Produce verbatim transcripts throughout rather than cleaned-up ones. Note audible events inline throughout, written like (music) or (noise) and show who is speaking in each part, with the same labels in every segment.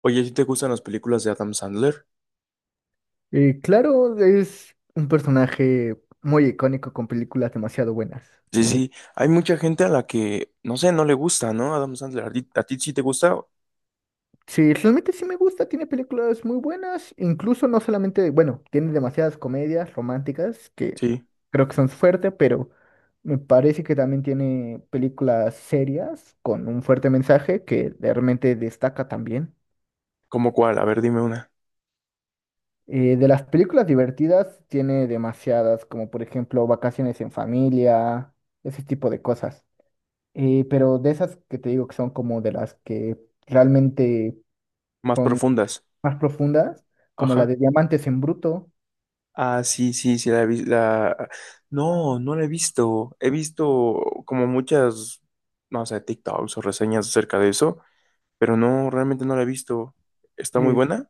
Speaker 1: Oye, ¿si te gustan las películas de Adam Sandler?
Speaker 2: Eh, claro, es un personaje muy icónico con películas demasiado buenas.
Speaker 1: Sí, sí, hay mucha gente a la que, no sé, no le gusta, ¿no? Adam Sandler, ¿a ti, a ti sí te gusta?
Speaker 2: Sí, realmente sí me gusta, tiene películas muy buenas, incluso no solamente, bueno, tiene demasiadas comedias románticas que
Speaker 1: Sí,
Speaker 2: creo que son su fuerte, pero me parece que también tiene películas serias con un fuerte mensaje que de- realmente destaca también.
Speaker 1: ¿cómo cuál? A ver, dime una.
Speaker 2: Eh, de las películas divertidas tiene demasiadas, como por ejemplo Vacaciones en familia, ese tipo de cosas. Eh, pero de esas que te digo que son como de las que realmente
Speaker 1: Más
Speaker 2: son
Speaker 1: profundas.
Speaker 2: más profundas, como la
Speaker 1: Ajá.
Speaker 2: de Diamantes en Bruto,
Speaker 1: Ah, sí, sí, sí, la he visto. La. No, no la he visto. He visto como muchas, no sé, TikToks o reseñas acerca de eso, pero no, realmente no la he visto. ¿Está muy
Speaker 2: es
Speaker 1: buena?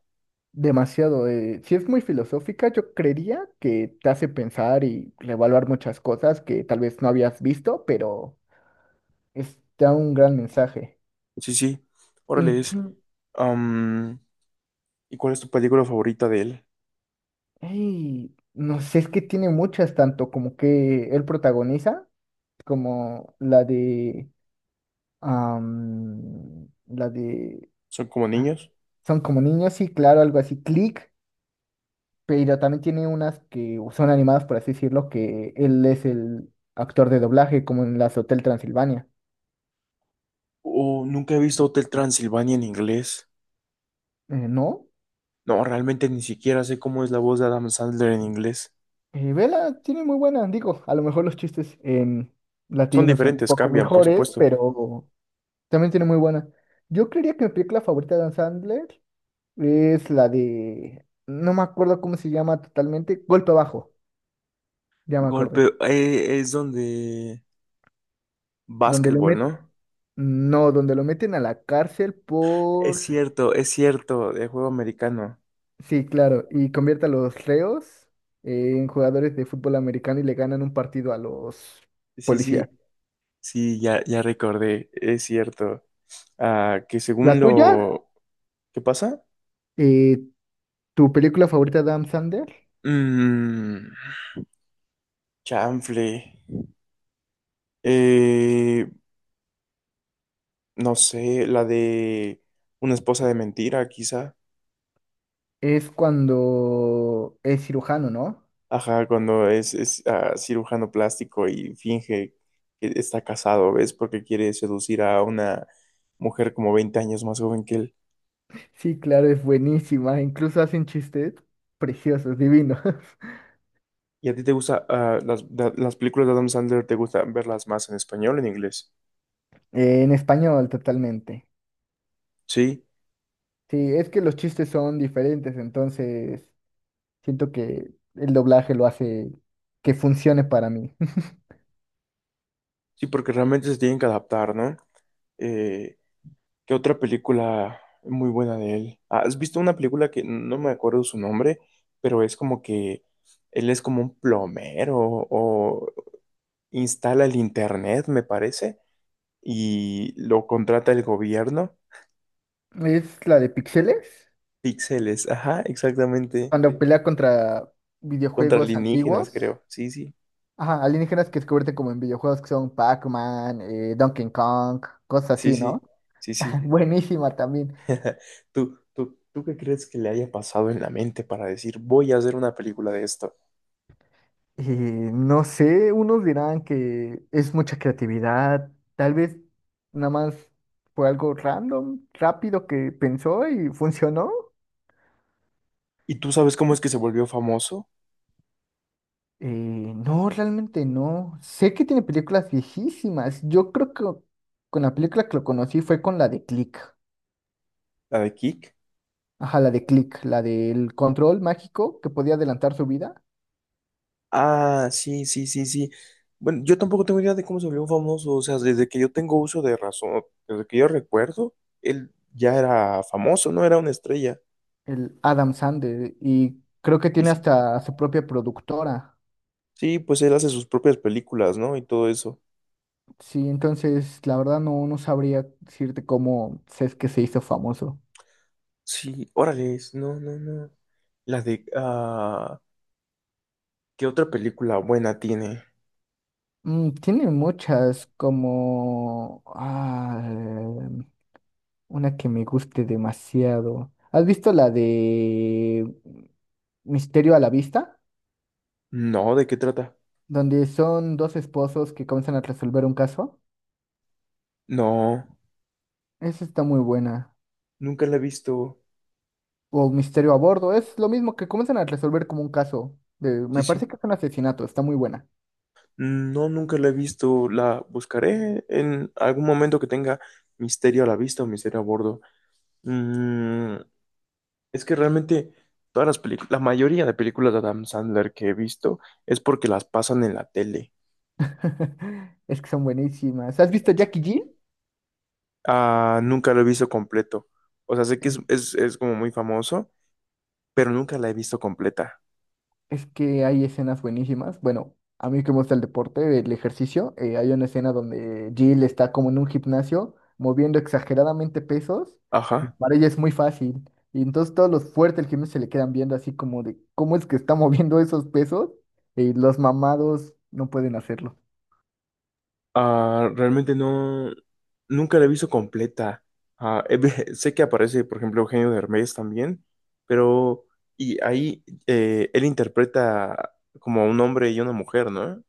Speaker 2: demasiado. Eh, sí, es muy filosófica, yo creería que te hace pensar y reevaluar muchas cosas que tal vez no habías visto, pero es- te da un gran mensaje.
Speaker 1: Sí, sí. Órale, es.
Speaker 2: Inclu-
Speaker 1: am, ¿Y cuál es tu película favorita de él?
Speaker 2: ey, no sé, es que tiene muchas, tanto como que él protagoniza, como la de... am, la de...
Speaker 1: ¿Son como
Speaker 2: ah,
Speaker 1: niños?
Speaker 2: Son como niños, sí, claro, algo así, Click, pero también tiene unas que son animadas, por así decirlo, que él es el actor de doblaje, como en las Hotel Transilvania.
Speaker 1: Oh, nunca he visto Hotel Transilvania en inglés.
Speaker 2: Eh, ¿no?
Speaker 1: No, realmente ni siquiera sé cómo es la voz de Adam Sandler en inglés.
Speaker 2: Eh, Vela tiene muy buena, digo, a lo mejor los chistes en
Speaker 1: Son
Speaker 2: latino son un
Speaker 1: diferentes,
Speaker 2: poco
Speaker 1: cambian, por
Speaker 2: mejores,
Speaker 1: supuesto.
Speaker 2: pero también tiene muy buena. Yo creería que mi película favorita de Dan Sandler es la de, no me acuerdo cómo se llama totalmente, Golpe Abajo, ya me acordé,
Speaker 1: Golpe, eh, es donde.
Speaker 2: donde lo
Speaker 1: Básquetbol,
Speaker 2: meten,
Speaker 1: ¿no?
Speaker 2: no, donde lo meten a la cárcel
Speaker 1: Es
Speaker 2: por...
Speaker 1: cierto, es cierto, de juego americano.
Speaker 2: Sí, claro, y convierte a los reos eh, en jugadores de fútbol americano y le ganan un partido a los
Speaker 1: Sí,
Speaker 2: policías.
Speaker 1: sí, sí, ya, ya recordé, es cierto. Ah, que
Speaker 2: La
Speaker 1: según
Speaker 2: tuya,
Speaker 1: lo. ¿Qué pasa?
Speaker 2: eh, Tu película favorita de Adam Sandler
Speaker 1: Mmm, Chanfle. Eh, no sé, la de una esposa de mentira, quizá.
Speaker 2: es cuando es cirujano, ¿no?
Speaker 1: Ajá, cuando es, es, ah, cirujano plástico y finge que está casado, ¿ves? Porque quiere seducir a una mujer como veinte años más joven que él.
Speaker 2: Sí, claro, es buenísima, incluso hacen chistes preciosos, divinos. (laughs)
Speaker 1: ¿Y a ti te gusta, ah, las, da- las películas de Adam Sandler, te gusta verlas más en español o en inglés?
Speaker 2: Eh, en español totalmente.
Speaker 1: Sí,
Speaker 2: Sí, es que los chistes son diferentes, entonces siento que el doblaje lo hace que funcione para mí.
Speaker 1: sí, porque realmente se tienen que adaptar, ¿no? Eh, ¿Qué otra película muy buena de él? Ah, ¿has visto una película que no me acuerdo su nombre, pero es como que él es como un plomero o instala el internet, me parece? Y lo contrata el gobierno.
Speaker 2: (laughs) Es la de Pixeles.
Speaker 1: Píxeles, ajá, exactamente.
Speaker 2: Cuando pelea contra
Speaker 1: Contra
Speaker 2: videojuegos
Speaker 1: alienígenas,
Speaker 2: antiguos,
Speaker 1: creo. Sí, sí,
Speaker 2: ajá, alienígenas que descubriste como en videojuegos que son Pac-Man, eh, Donkey Kong, cosas
Speaker 1: sí,
Speaker 2: así, ¿no?
Speaker 1: sí, sí, sí.
Speaker 2: (laughs) Buenísima también.
Speaker 1: ¿Tú, tú, tú qué crees que le haya pasado en la mente para decir, voy a hacer una película de esto?
Speaker 2: Eh, no sé, unos dirán que es mucha creatividad, tal vez nada más fue algo random, rápido que pensó y funcionó.
Speaker 1: ¿Y tú sabes cómo es que se volvió famoso?
Speaker 2: Eh, no, realmente no. Sé que tiene películas viejísimas. Yo creo que con la película que lo conocí fue con la de Click.
Speaker 1: ¿La de Kick?
Speaker 2: Ajá, la de Click, la del control mágico que podía adelantar su vida,
Speaker 1: Ah, sí, sí, sí, sí. Bueno, yo tampoco tengo idea de cómo se volvió famoso. O sea, desde que yo tengo uso de razón, desde que yo recuerdo, él ya era famoso, no era una estrella.
Speaker 2: el Adam Sandler, y creo que
Speaker 1: Sí,
Speaker 2: tiene
Speaker 1: sí.
Speaker 2: hasta su propia productora.
Speaker 1: Sí, pues él hace sus propias películas, ¿no? Y todo eso.
Speaker 2: Sí, entonces la verdad no, no sabría decirte cómo se- es que se hizo famoso.
Speaker 1: Sí, órale, no, no, no. La de. Ah, ¿qué otra película buena tiene?
Speaker 2: Mm, tiene muchas, como ah, una que me guste demasiado. ¿Has visto la de Misterio a la Vista?
Speaker 1: No, ¿de qué trata?
Speaker 2: Donde son dos esposos que comienzan a resolver un caso.
Speaker 1: No,
Speaker 2: Esa está muy buena.
Speaker 1: nunca la he visto.
Speaker 2: O Misterio a bordo. Es lo mismo, que comienzan a resolver como un caso. De,
Speaker 1: Sí,
Speaker 2: me
Speaker 1: sí.
Speaker 2: parece que es un asesinato, está muy buena.
Speaker 1: No, nunca la he visto. La buscaré en algún momento que tenga misterio a la vista o misterio a bordo. Mm, es que realmente todas las películas, la mayoría de películas de Adam Sandler que he visto es porque las pasan en la tele.
Speaker 2: (laughs) Es que son buenísimas. ¿Has visto Jackie G?
Speaker 1: Ah, nunca lo he visto completo. O sea, sé que es,
Speaker 2: Es,
Speaker 1: es, es como muy famoso, pero nunca la he visto completa.
Speaker 2: es que hay escenas buenísimas. Bueno, a mí que me gusta el deporte, el ejercicio, eh, hay una escena donde Jill está como en un gimnasio moviendo exageradamente pesos. y
Speaker 1: Ajá.
Speaker 2: Para ella es muy fácil. Y entonces todos los fuertes del gimnasio se le quedan viendo así como de cómo es que está (laughs) moviendo esos pesos y los mamados no pueden hacerlo.
Speaker 1: Ah, realmente no, nunca la he visto completa. Ah, he ve- (laughs) sé que aparece, por ejemplo, Eugenio Derbez también, pero y ahí eh, él interpreta como a un hombre y una mujer, ¿no?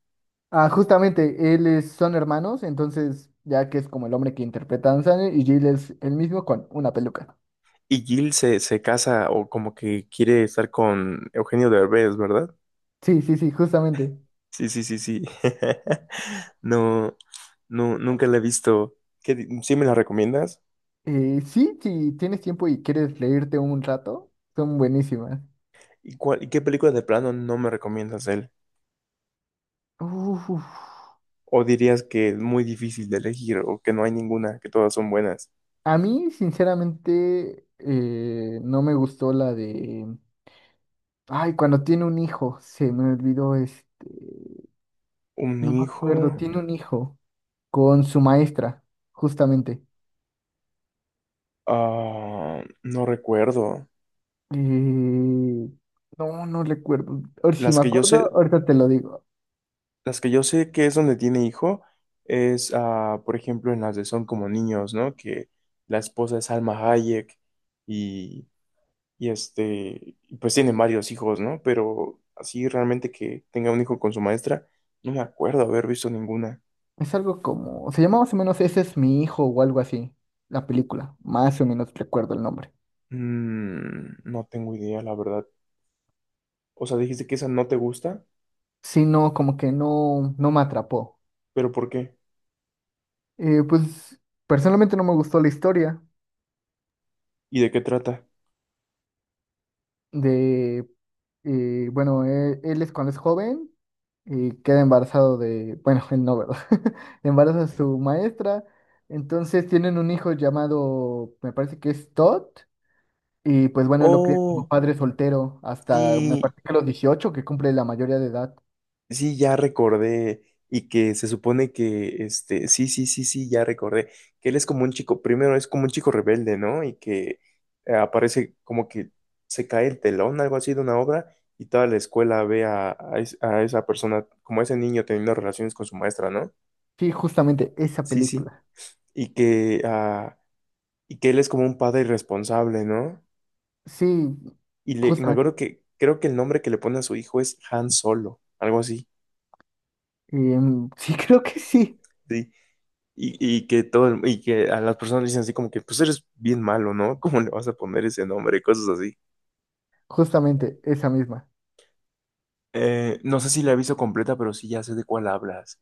Speaker 2: Ah, justamente, él es- son hermanos, entonces ya que es como el hombre que interpreta a Adam Sandler y Jill es el mismo con una peluca.
Speaker 1: Y Gil se, se casa o como que quiere estar con Eugenio Derbez, ¿verdad?
Speaker 2: Sí, sí, sí, justamente.
Speaker 1: Sí, sí, sí, sí. (laughs)
Speaker 2: Mm.
Speaker 1: No, no, nunca la he visto. ¿Qué, di- ¿sí me la recomiendas?
Speaker 2: Eh, sí, si tienes tiempo y quieres leerte un rato, son buenísimas.
Speaker 1: ¿Y cuál, y qué película de plano no me recomiendas de él?
Speaker 2: Uf.
Speaker 1: ¿O dirías que es muy difícil de elegir o que no hay ninguna, que todas son buenas?
Speaker 2: A mí, sinceramente, eh, no me gustó la de... Ay, cuando tiene un hijo, se me olvidó este...
Speaker 1: Un
Speaker 2: No me
Speaker 1: hijo,
Speaker 2: acuerdo, tiene un hijo con su maestra, justamente.
Speaker 1: ah, no recuerdo.
Speaker 2: Eh, no, no recuerdo. Ahora, si
Speaker 1: Las
Speaker 2: me
Speaker 1: que yo
Speaker 2: acuerdo,
Speaker 1: sé,
Speaker 2: ahorita te lo digo.
Speaker 1: las que yo sé que es donde tiene hijo es, ah, por ejemplo, en las de Son como niños, ¿no? Que la esposa es Alma Hayek y este, pues tiene varios hijos, ¿no? Pero así realmente que tenga un hijo con su maestra, no me acuerdo haber visto ninguna.
Speaker 2: Es algo como, se llama más o menos Ese es mi hijo o algo así, la película. Más o menos recuerdo el nombre.
Speaker 1: Mm, no tengo idea, la verdad. O sea, dijiste que esa no te gusta,
Speaker 2: Sí, no, como que no, no me atrapó.
Speaker 1: pero ¿por qué?
Speaker 2: Eh, pues personalmente no me gustó la historia
Speaker 1: ¿Y de qué trata?
Speaker 2: de, eh, bueno, él, él es cuando es joven y queda embarazado de, bueno, (laughs) él no, ¿verdad? (laughs) Embaraza a su maestra. Entonces tienen un hijo llamado, me parece que es Todd. Y pues bueno, él lo cría como
Speaker 1: Oh,
Speaker 2: padre soltero hasta me
Speaker 1: sí,
Speaker 2: parece que a los dieciocho que cumple la mayoría de edad.
Speaker 1: sí, ya recordé. Y que se supone que, este, sí, sí, sí, sí, ya recordé. Que él es como un chico, primero es como un chico rebelde, ¿no? Y que eh, aparece como que se cae el telón, algo así de una obra, y toda la escuela ve a, a es- a esa persona, como a ese niño teniendo relaciones con su maestra, ¿no?
Speaker 2: Sí, justamente esa
Speaker 1: Sí, sí.
Speaker 2: película.
Speaker 1: Y que, ah, y que él es como un padre irresponsable, ¿no?
Speaker 2: Sí,
Speaker 1: Y, le, y me
Speaker 2: justamente.
Speaker 1: acuerdo que creo que el nombre que le pone a su hijo es Han Solo, algo así.
Speaker 2: Em, sí, (laughs) creo que sí,
Speaker 1: Sí. Y, y que todo el- y que a las personas le dicen así como que, pues eres bien malo, ¿no? (laughs) ¿Cómo le vas a poner ese nombre? Cosas así.
Speaker 2: justamente esa misma.
Speaker 1: Eh, no sé si la he visto completa, pero sí ya sé de cuál hablas.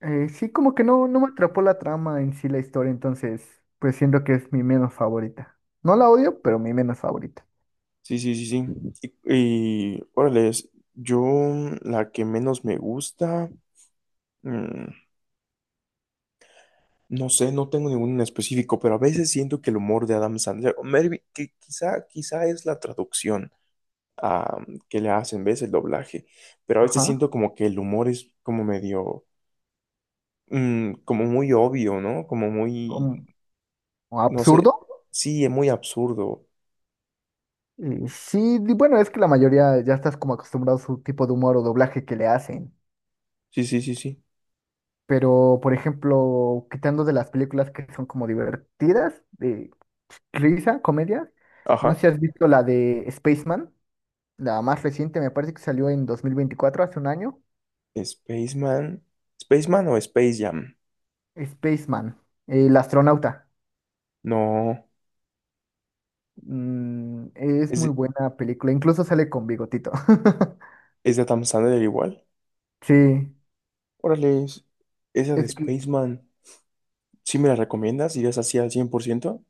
Speaker 2: Eh, sí, como que no, no me atrapó la trama en sí, la historia, entonces pues siento que es mi menos favorita. No la odio, pero mi menos favorita.
Speaker 1: Sí, sí, sí, sí. Y, y órale, es- yo mm, la que menos me gusta, mm, no sé, no tengo ninguno en específico, pero a veces siento que el humor de Adam Sandler, o maybe- que quizá, quizá es la traducción ah, que le hacen, ¿ves? El doblaje, pero a veces
Speaker 2: Ajá.
Speaker 1: siento como que el humor es como medio mm, como muy obvio, ¿no? Como muy,
Speaker 2: ¿Como
Speaker 1: no sé,
Speaker 2: absurdo?
Speaker 1: sí, es muy absurdo.
Speaker 2: Eh, sí, di- bueno, es que la mayoría ya estás como acostumbrado a su tipo de humor o doblaje que le hacen.
Speaker 1: Sí, sí, sí, sí.
Speaker 2: Pero, por ejemplo, quitando de las películas que son como divertidas, de risa, comedia, no sé si
Speaker 1: Ajá.
Speaker 2: has visto la de Spaceman. La más reciente me parece que salió en dos mil veinticuatro, hace un año.
Speaker 1: Spaceman. ¿Spaceman o Space Jam?
Speaker 2: Spaceman, el astronauta.
Speaker 1: No.
Speaker 2: Mm, es
Speaker 1: ¿Es, de-
Speaker 2: muy buena película, incluso sale con bigotito. (laughs)
Speaker 1: es de Adam Sandler igual?
Speaker 2: Sí,
Speaker 1: Órale, es- esa de
Speaker 2: es que
Speaker 1: Spaceman. ¿Sí me la recomiendas? ¿Irías así al cien por ciento?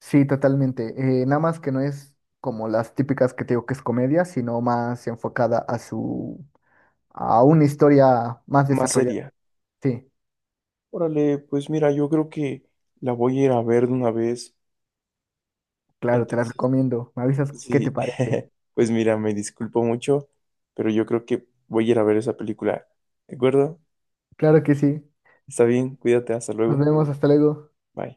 Speaker 2: sí, totalmente. Eh, nada más que no es como las típicas que te digo que es comedia, sino más enfocada a su a una historia más
Speaker 1: Más
Speaker 2: desarrollada.
Speaker 1: seria.
Speaker 2: Sí,
Speaker 1: Órale, pues mira, yo creo que la voy a ir a ver de una vez.
Speaker 2: claro, te la
Speaker 1: Entonces,
Speaker 2: recomiendo. Me avisas qué te
Speaker 1: sí.
Speaker 2: parece.
Speaker 1: (laughs) Pues mira, me disculpo mucho, pero yo creo que voy a ir a ver esa película. ¿De acuerdo?
Speaker 2: Claro que sí.
Speaker 1: Está bien, cuídate, hasta
Speaker 2: Nos
Speaker 1: luego.
Speaker 2: vemos, hasta luego.
Speaker 1: Bye.